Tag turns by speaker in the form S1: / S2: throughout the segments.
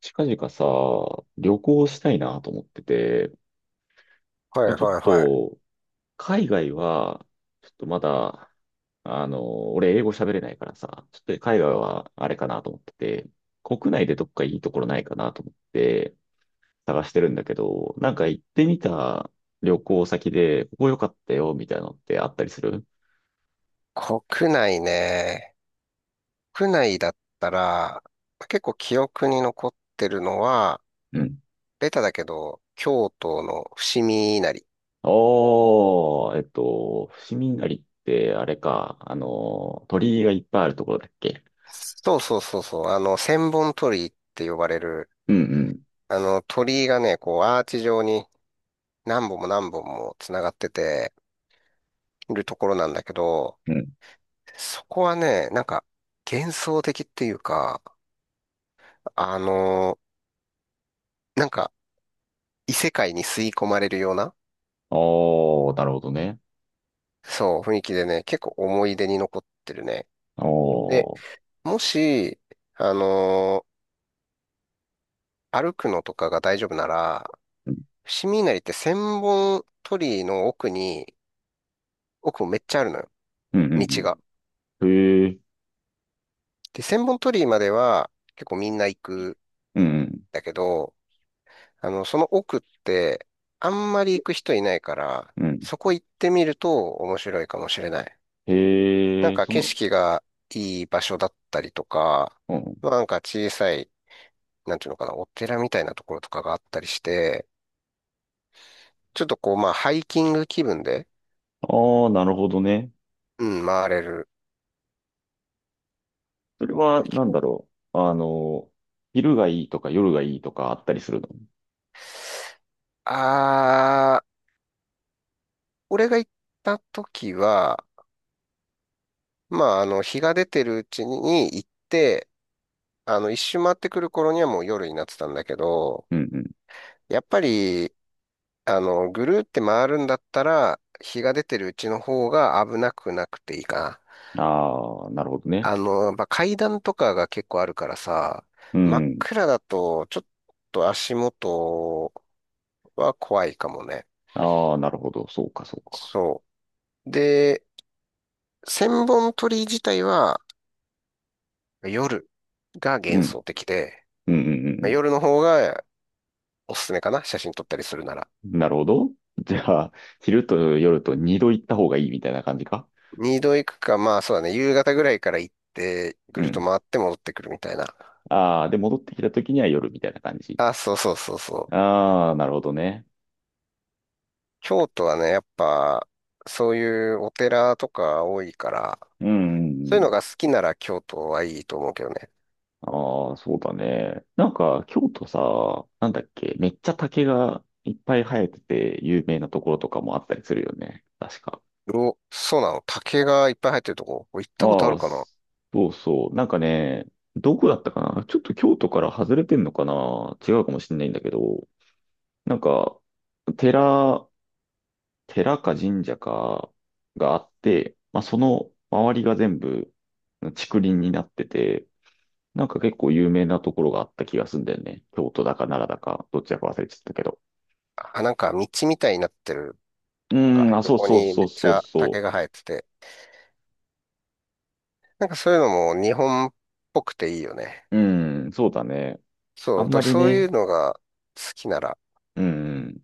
S1: 近々さ、旅行したいなと思ってて、
S2: はい
S1: もうちょっ
S2: はいはい。
S1: と、海外は、ちょっとまだ、俺英語喋れないからさ、ちょっと海外はあれかなと思ってて、国内でどっかいいところないかなと思って探してるんだけど、なんか行ってみた旅行先で、ここ良かったよ、みたいなのってあったりする？
S2: 国内ね。国内だったら、結構記憶に残ってるのは、
S1: うん。
S2: ベタだけど、京都の伏見稲荷。
S1: おー、伏見稲荷ってあれか、鳥居がいっぱいあるところだっけ？
S2: そうそうそうそう。千本鳥居って呼ばれる、
S1: うん
S2: 鳥居がね、こう、アーチ状に何本も何本も繋がってて、いるところなんだけど、
S1: うん。
S2: そこはね、なんか、幻想的っていうか、あの、なんか、異世界に吸い込まれるような、
S1: おー、なるほどね。
S2: そう、雰囲気でね、結構思い出に残ってるね。で、
S1: おー。
S2: もし、あのー歩くのとかが大丈夫なら、
S1: うん、
S2: 伏見稲荷って千本鳥居の奥に、奥もめっちゃあるのよ、
S1: う
S2: 道
S1: ん、
S2: が。
S1: うん。へえ、
S2: で、千本鳥居までは結構みんな行く
S1: うん、
S2: んだけど、その奥ってあんまり行く人いないから、
S1: うん。うん
S2: そこ行ってみると面白いかもしれない。なん
S1: へえ、
S2: か景色がいい場所だったりとか、
S1: うん。
S2: まあなんか小さいなんていうのかな、お寺みたいなところとかがあったりして、ちょっとこう、まあ、ハイキング気分で、
S1: ああ、なるほどね。
S2: うん、回れる。
S1: それは、なん
S2: き
S1: だろう。昼がいいとか夜がいいとかあったりするの？
S2: あー、俺が行った時は、まあ、日が出てるうちに行って、一周回ってくる頃にはもう夜になってたんだけど、
S1: うんう
S2: やっぱり、ぐるーって回るんだったら、日が出てるうちの方が危なくなくていいかな。
S1: ん。ああ、なるほどね。
S2: やっぱ階段とかが結構あるからさ、
S1: う
S2: 真っ
S1: ん。
S2: 暗だと、ちょっと足元は怖いかもね。
S1: ああ、なるほど。そうか、そうか。
S2: そう。で、千本鳥居自体は夜が
S1: う
S2: 幻
S1: ん。
S2: 想的で、
S1: うんうんうん
S2: 夜の方がおすすめかな、写真撮ったりするなら。
S1: うん。なるほど。じゃあ、昼と夜と二度行った方がいいみたいな感じか？
S2: 二度行くか、まあそうだね、夕方ぐらいから行って、
S1: う
S2: ぐるっと
S1: ん。
S2: 回って戻ってくるみたいな。
S1: ああ、で、戻ってきた時には夜みたいな感じ。
S2: あ、そうそうそうそう。
S1: ああ、なるほどね。
S2: 京都はね、やっぱ、そういうお寺とか多いから、
S1: うん、うん
S2: そうい
S1: う
S2: う
S1: ん。
S2: のが好きなら京都はいいと思うけどね。
S1: ああ、そうだね。なんか、京都さ、なんだっけ、めっちゃ竹がいっぱい生えてて有名なところとかもあったりするよね。確か。
S2: お、そうなの。竹がいっぱい入ってるとこ。これ行ったことあ
S1: あ
S2: る
S1: あ、
S2: かな
S1: そうそう。なんかね、どこだったかな、ちょっと京都から外れてんのかな、違うかもしれないんだけど、なんか、寺、寺か神社かがあって、まあ、その周りが全部竹林になってて、なんか結構有名なところがあった気がすんだよね。京都だか奈良だか、どっちだか忘れちゃったけど。
S2: あ、なんか道みたいになってる
S1: う
S2: の
S1: ーん、
S2: か。
S1: あ、そう
S2: 横
S1: そう
S2: に
S1: そ
S2: め
S1: う
S2: っち
S1: そう
S2: ゃ
S1: そ
S2: 竹が生えてて。なんかそういうのも日本っぽくていいよね。
S1: う。うーん、そうだね。
S2: そ
S1: あ
S2: う、だ
S1: ん
S2: か
S1: ま
S2: ら
S1: り
S2: そうい
S1: ね。
S2: うのが好きなら。
S1: うーん、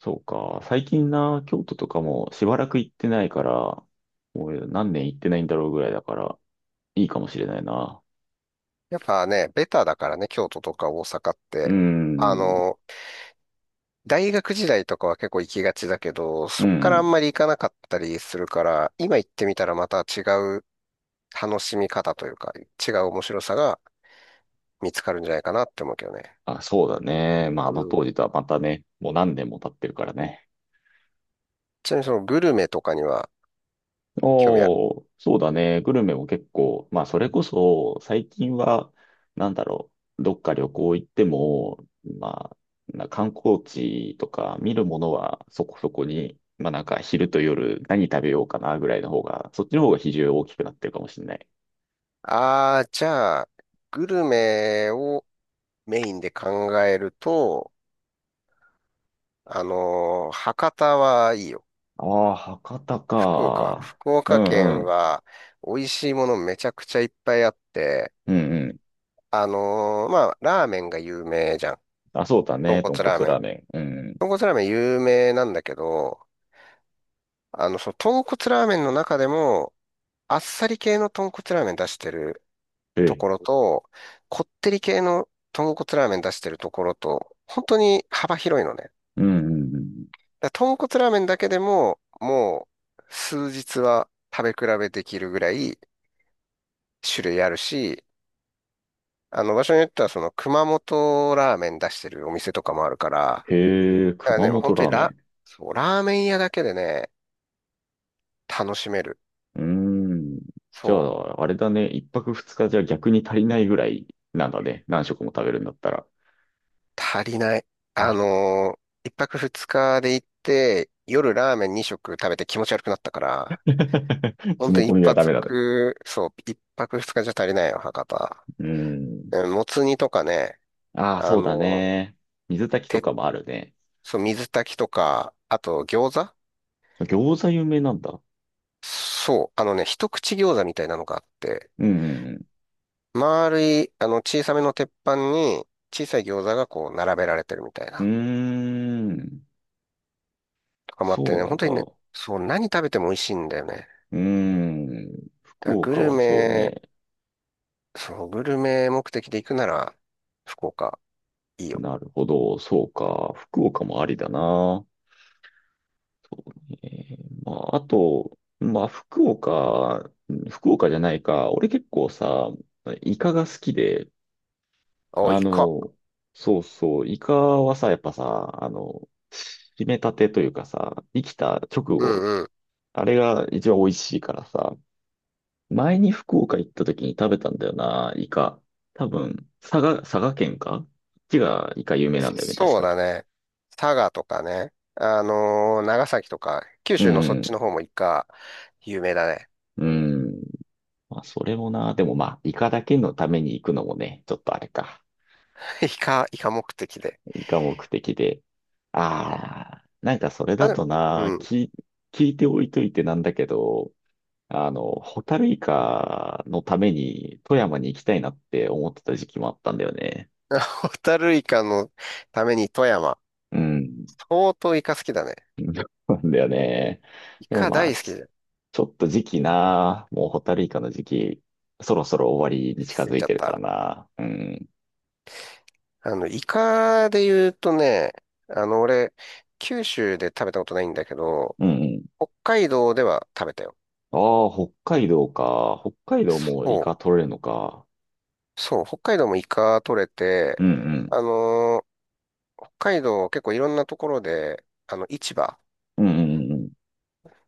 S1: そうか。最近な、京都とかもしばらく行ってないから、もう何年行ってないんだろうぐらいだから、いいかもしれないな。
S2: やっぱね、ベタだからね、京都とか大阪っ
S1: うー
S2: て。あ
S1: ん、
S2: の、大学時代とかは結構行きがちだけど、
S1: う
S2: そこからあ
S1: ん。
S2: んまり行かなかったりするから、今行ってみたらまた違う楽しみ方というか、違う面白さが見つかるんじゃないかなって思うけどね。
S1: あ、そうだね。まあ、あ
S2: う
S1: の
S2: ん。
S1: 当時とはまたね、もう何年も経ってるからね。
S2: ちなみにそのグルメとかには興味ある。
S1: おー、そうだね。グルメも結構、まあ、それこそ、最近は、なんだろう、どっか旅行行っても、まあ、な観光地とか見るものはそこそこに、まあ、なんか昼と夜何食べようかなぐらいの方が、そっちの方が比重大きくなってるかもしれない。
S2: ああ、じゃあ、グルメをメインで考えると、博多はいいよ。
S1: ああ、博多
S2: 福岡。
S1: か。
S2: 福
S1: う
S2: 岡
S1: んう
S2: 県
S1: ん。
S2: は美味しいものめちゃくちゃいっぱいあって、
S1: うんうん。
S2: まあ、ラーメンが有名じゃん。
S1: あ、そうだ
S2: 豚
S1: ね。豚
S2: 骨ラー
S1: 骨
S2: メ
S1: ラ
S2: ン。
S1: ーメン。うんうん。
S2: 豚骨ラーメン有名なんだけど、その豚骨ラーメンの中でも、あっさり系の豚骨ラーメン出してる
S1: え
S2: と
S1: え。
S2: ころと、こってり系の豚骨ラーメン出してるところと、本当に幅広いのね。
S1: うんうんうん。
S2: だから豚骨ラーメンだけでも、もう数日は食べ比べできるぐらい種類あるし、場所によってはその熊本ラーメン出してるお店とかもあるから、
S1: へえ、
S2: だから
S1: 熊
S2: ね、本
S1: 本
S2: 当
S1: ラ
S2: に
S1: ーメン。
S2: そう、ラーメン屋だけでね、楽しめる。
S1: うーん。じゃ
S2: そ
S1: あ、あれだね。一泊二日じゃ逆に足りないぐらいなんだね。何食も食べるんだったら。
S2: う、足りない。あのー一泊二日で行って、夜ラーメン二食食べて気持ち悪くなったから、本当
S1: 詰め込
S2: 一
S1: みはダメだね。
S2: 泊、そう、一泊二日じゃ足りないよ、博多。
S1: うーん。
S2: うん。もつ煮とかね、
S1: ああ、
S2: あ
S1: そうだ
S2: の、
S1: ね。水炊きと
S2: て、
S1: かもあるね。
S2: そう、水炊きとか、あと餃子。
S1: 餃子有名なんだ。
S2: そう、一口餃子みたいなのがあって、
S1: うん。
S2: 丸い、小さめの鉄板に、小さい餃子がこう、並べられてるみたい
S1: う
S2: な、
S1: んうーん。
S2: とかもあって
S1: そう
S2: ね、
S1: なん
S2: 本
S1: だ。
S2: 当にね、
S1: う
S2: そう、何食べても美味しいんだよね。
S1: ーん。
S2: だか
S1: 福
S2: らグ
S1: 岡
S2: ル
S1: はそう
S2: メ、
S1: ね。
S2: そう、グルメ目的で行くなら、福岡、いいよ。
S1: なるほど。そうか。福岡もありだな。えーまあ、あと、まあ、福岡、福岡じゃないか。俺結構さ、イカが好きで、
S2: あ、
S1: あ
S2: イカ。
S1: の、そうそう、イカはさ、やっぱさ、締めたてというかさ、生きた直
S2: う
S1: 後、
S2: ん
S1: あれが一番美味しいからさ、前に福岡行った時に食べたんだよな、イカ。多分、佐賀、佐賀県かこっちがイカ有名なんだよね、確
S2: そう
S1: か。
S2: だね。佐賀とかね。長崎とか、九
S1: う
S2: 州のそっち
S1: ん、
S2: の方もイカ、有名だね。
S1: うん。まあ、それもな、でもまあ、イカだけのために行くのもね、ちょっとあれか。
S2: イカ、イカ目的で。
S1: 以下目的で。ああ、なんかそれ
S2: あ、
S1: だ
S2: で、
S1: と
S2: う
S1: な、
S2: ん。
S1: 聞いておいといてなんだけど、ホタルイカのために富山に行きたいなって思ってた時期もあったんだよね。
S2: ホタルイカのために富山。
S1: うん。
S2: 相当イカ好きだね。
S1: そうなんだよね。
S2: イ
S1: でも
S2: カ
S1: まあ、
S2: 大好き
S1: ち
S2: で、
S1: ちょっと時期な、もうホタルイカの時期、そろそろ終わりに近
S2: すぎ
S1: づい
S2: ちゃっ
S1: てるから
S2: た。
S1: な。うん。
S2: イカで言うとね、俺、九州で食べたことないんだけど、
S1: うんうん。
S2: 北海道では食べたよ。
S1: ああ、北海道か。北海道も
S2: そ
S1: イカ取れるのか。
S2: う。そう。北海道もイカ取れ
S1: う
S2: て、
S1: んうん。
S2: あのー北海道結構いろんなところで、市場
S1: うんうんうんうん。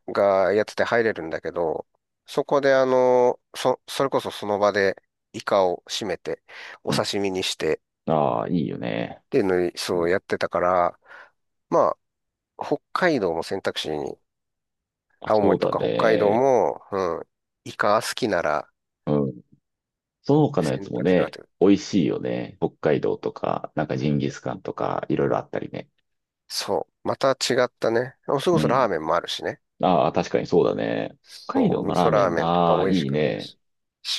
S2: がやってて入れるんだけど、そこでそれこそその場でイカを締めて、お刺身にしてっ
S1: ああ、いいよね。
S2: ていうのに、そうやってたから、まあ、北海道も選択肢に、
S1: あ、
S2: 青
S1: そう
S2: 森と
S1: だ
S2: か北海道
S1: ね。
S2: も、うん、イカ好きなら
S1: うん。その他のや
S2: 選
S1: つも
S2: 択肢があっ
S1: ね、
S2: てる。
S1: 美味しいよね。北海道とか、なんかジンギスカンとか、いろいろあったりね。
S2: そう、また違ったね。それこ
S1: う
S2: そ
S1: ん。
S2: ラーメンもあるしね。
S1: ああ、確かにそうだね。北海
S2: そ
S1: 道
S2: う、
S1: の
S2: 味
S1: ラ
S2: 噌
S1: ーメ
S2: ラー
S1: ン、
S2: メンとか
S1: ああ、
S2: 美味し
S1: いい
S2: かった
S1: ね。
S2: し。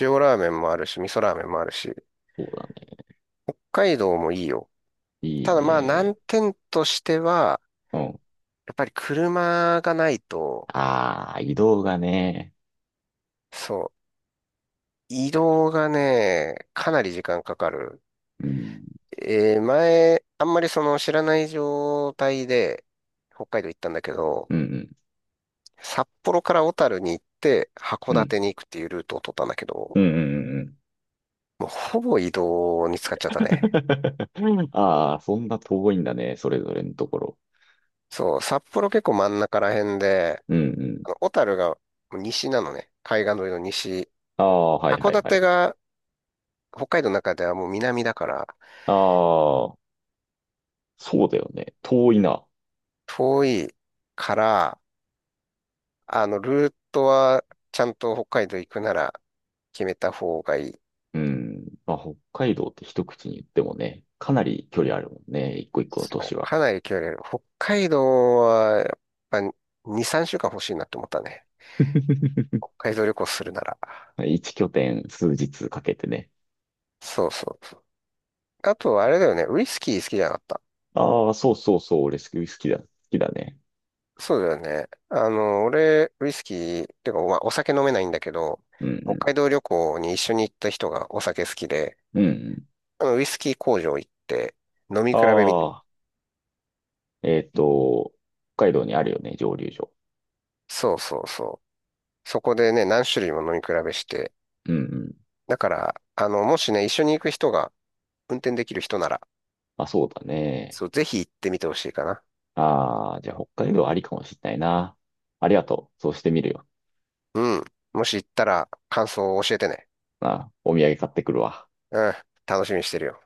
S2: 塩ラーメンもあるし、味噌ラーメンもあるし。
S1: そうだね。
S2: 北海道もいいよ。
S1: いい
S2: ただまあ
S1: ね。
S2: 難点としては、
S1: うん。
S2: やっぱり車がないと、
S1: ああ、移動がね。
S2: そう、移動がね、かなり時間かかる。
S1: うん。
S2: 前、あんまりその知らない状態で北海道行ったんだけど、
S1: うん、
S2: 札幌から小樽に行って函
S1: うん、うん。
S2: 館に行くっていうルートを取ったんだけ
S1: う
S2: ど、
S1: ん、うん、うん。うん
S2: もうほぼ移動に使っちゃったね。
S1: ああ、そんな遠いんだね。それぞれのところ。
S2: そう、札幌結構真ん中ら辺で、
S1: うん、うん。
S2: 小樽が西なのね。海岸沿いの西。
S1: ああ、はい、
S2: 函
S1: はい、は
S2: 館
S1: い。
S2: が北海道の中ではもう南だから、
S1: ああ、そうだよね。遠いな。
S2: 遠いから、ルートはちゃんと北海道行くなら決めた方がいい。
S1: うん。まあ、北海道って一口に言ってもね、かなり距離あるもんね。一個一個の都
S2: そ
S1: 市
S2: う、
S1: は。
S2: かなり距離ある。北海道はやっぱ2、3週間欲しいなって思ったね。北海道旅行するなら。
S1: 一拠点数日かけてね。
S2: そうそうそう。あと、あれだよね。ウイスキー好きじゃなかった。
S1: ああ、そうそうそう。俺スキー好きだ。好きだね。
S2: そうだよね。俺、ウイスキー、っていうか、まあ、お酒飲めないんだけど、
S1: う
S2: 北海
S1: ん
S2: 道旅行に一緒に行った人がお酒好きで、
S1: うん。うん
S2: ウイスキー工場行って、飲み
S1: うん。
S2: 比べみたい。
S1: ああ、えっと、北海道にあるよね、蒸留所。
S2: そうそうそう。そこでね、何種類も飲み比べして。
S1: うんうん。
S2: だから、もしね、一緒に行く人が運転できる人なら、
S1: まあ、そうだね。
S2: そう、ぜひ行ってみてほしいかな。
S1: ああ、じゃあ北海道ありかもしれないな。ありがとう。そうしてみるよ。
S2: うん。もし行ったら感想を教えてね。
S1: まあ、お土産買ってくるわ。
S2: うん。楽しみにしてるよ。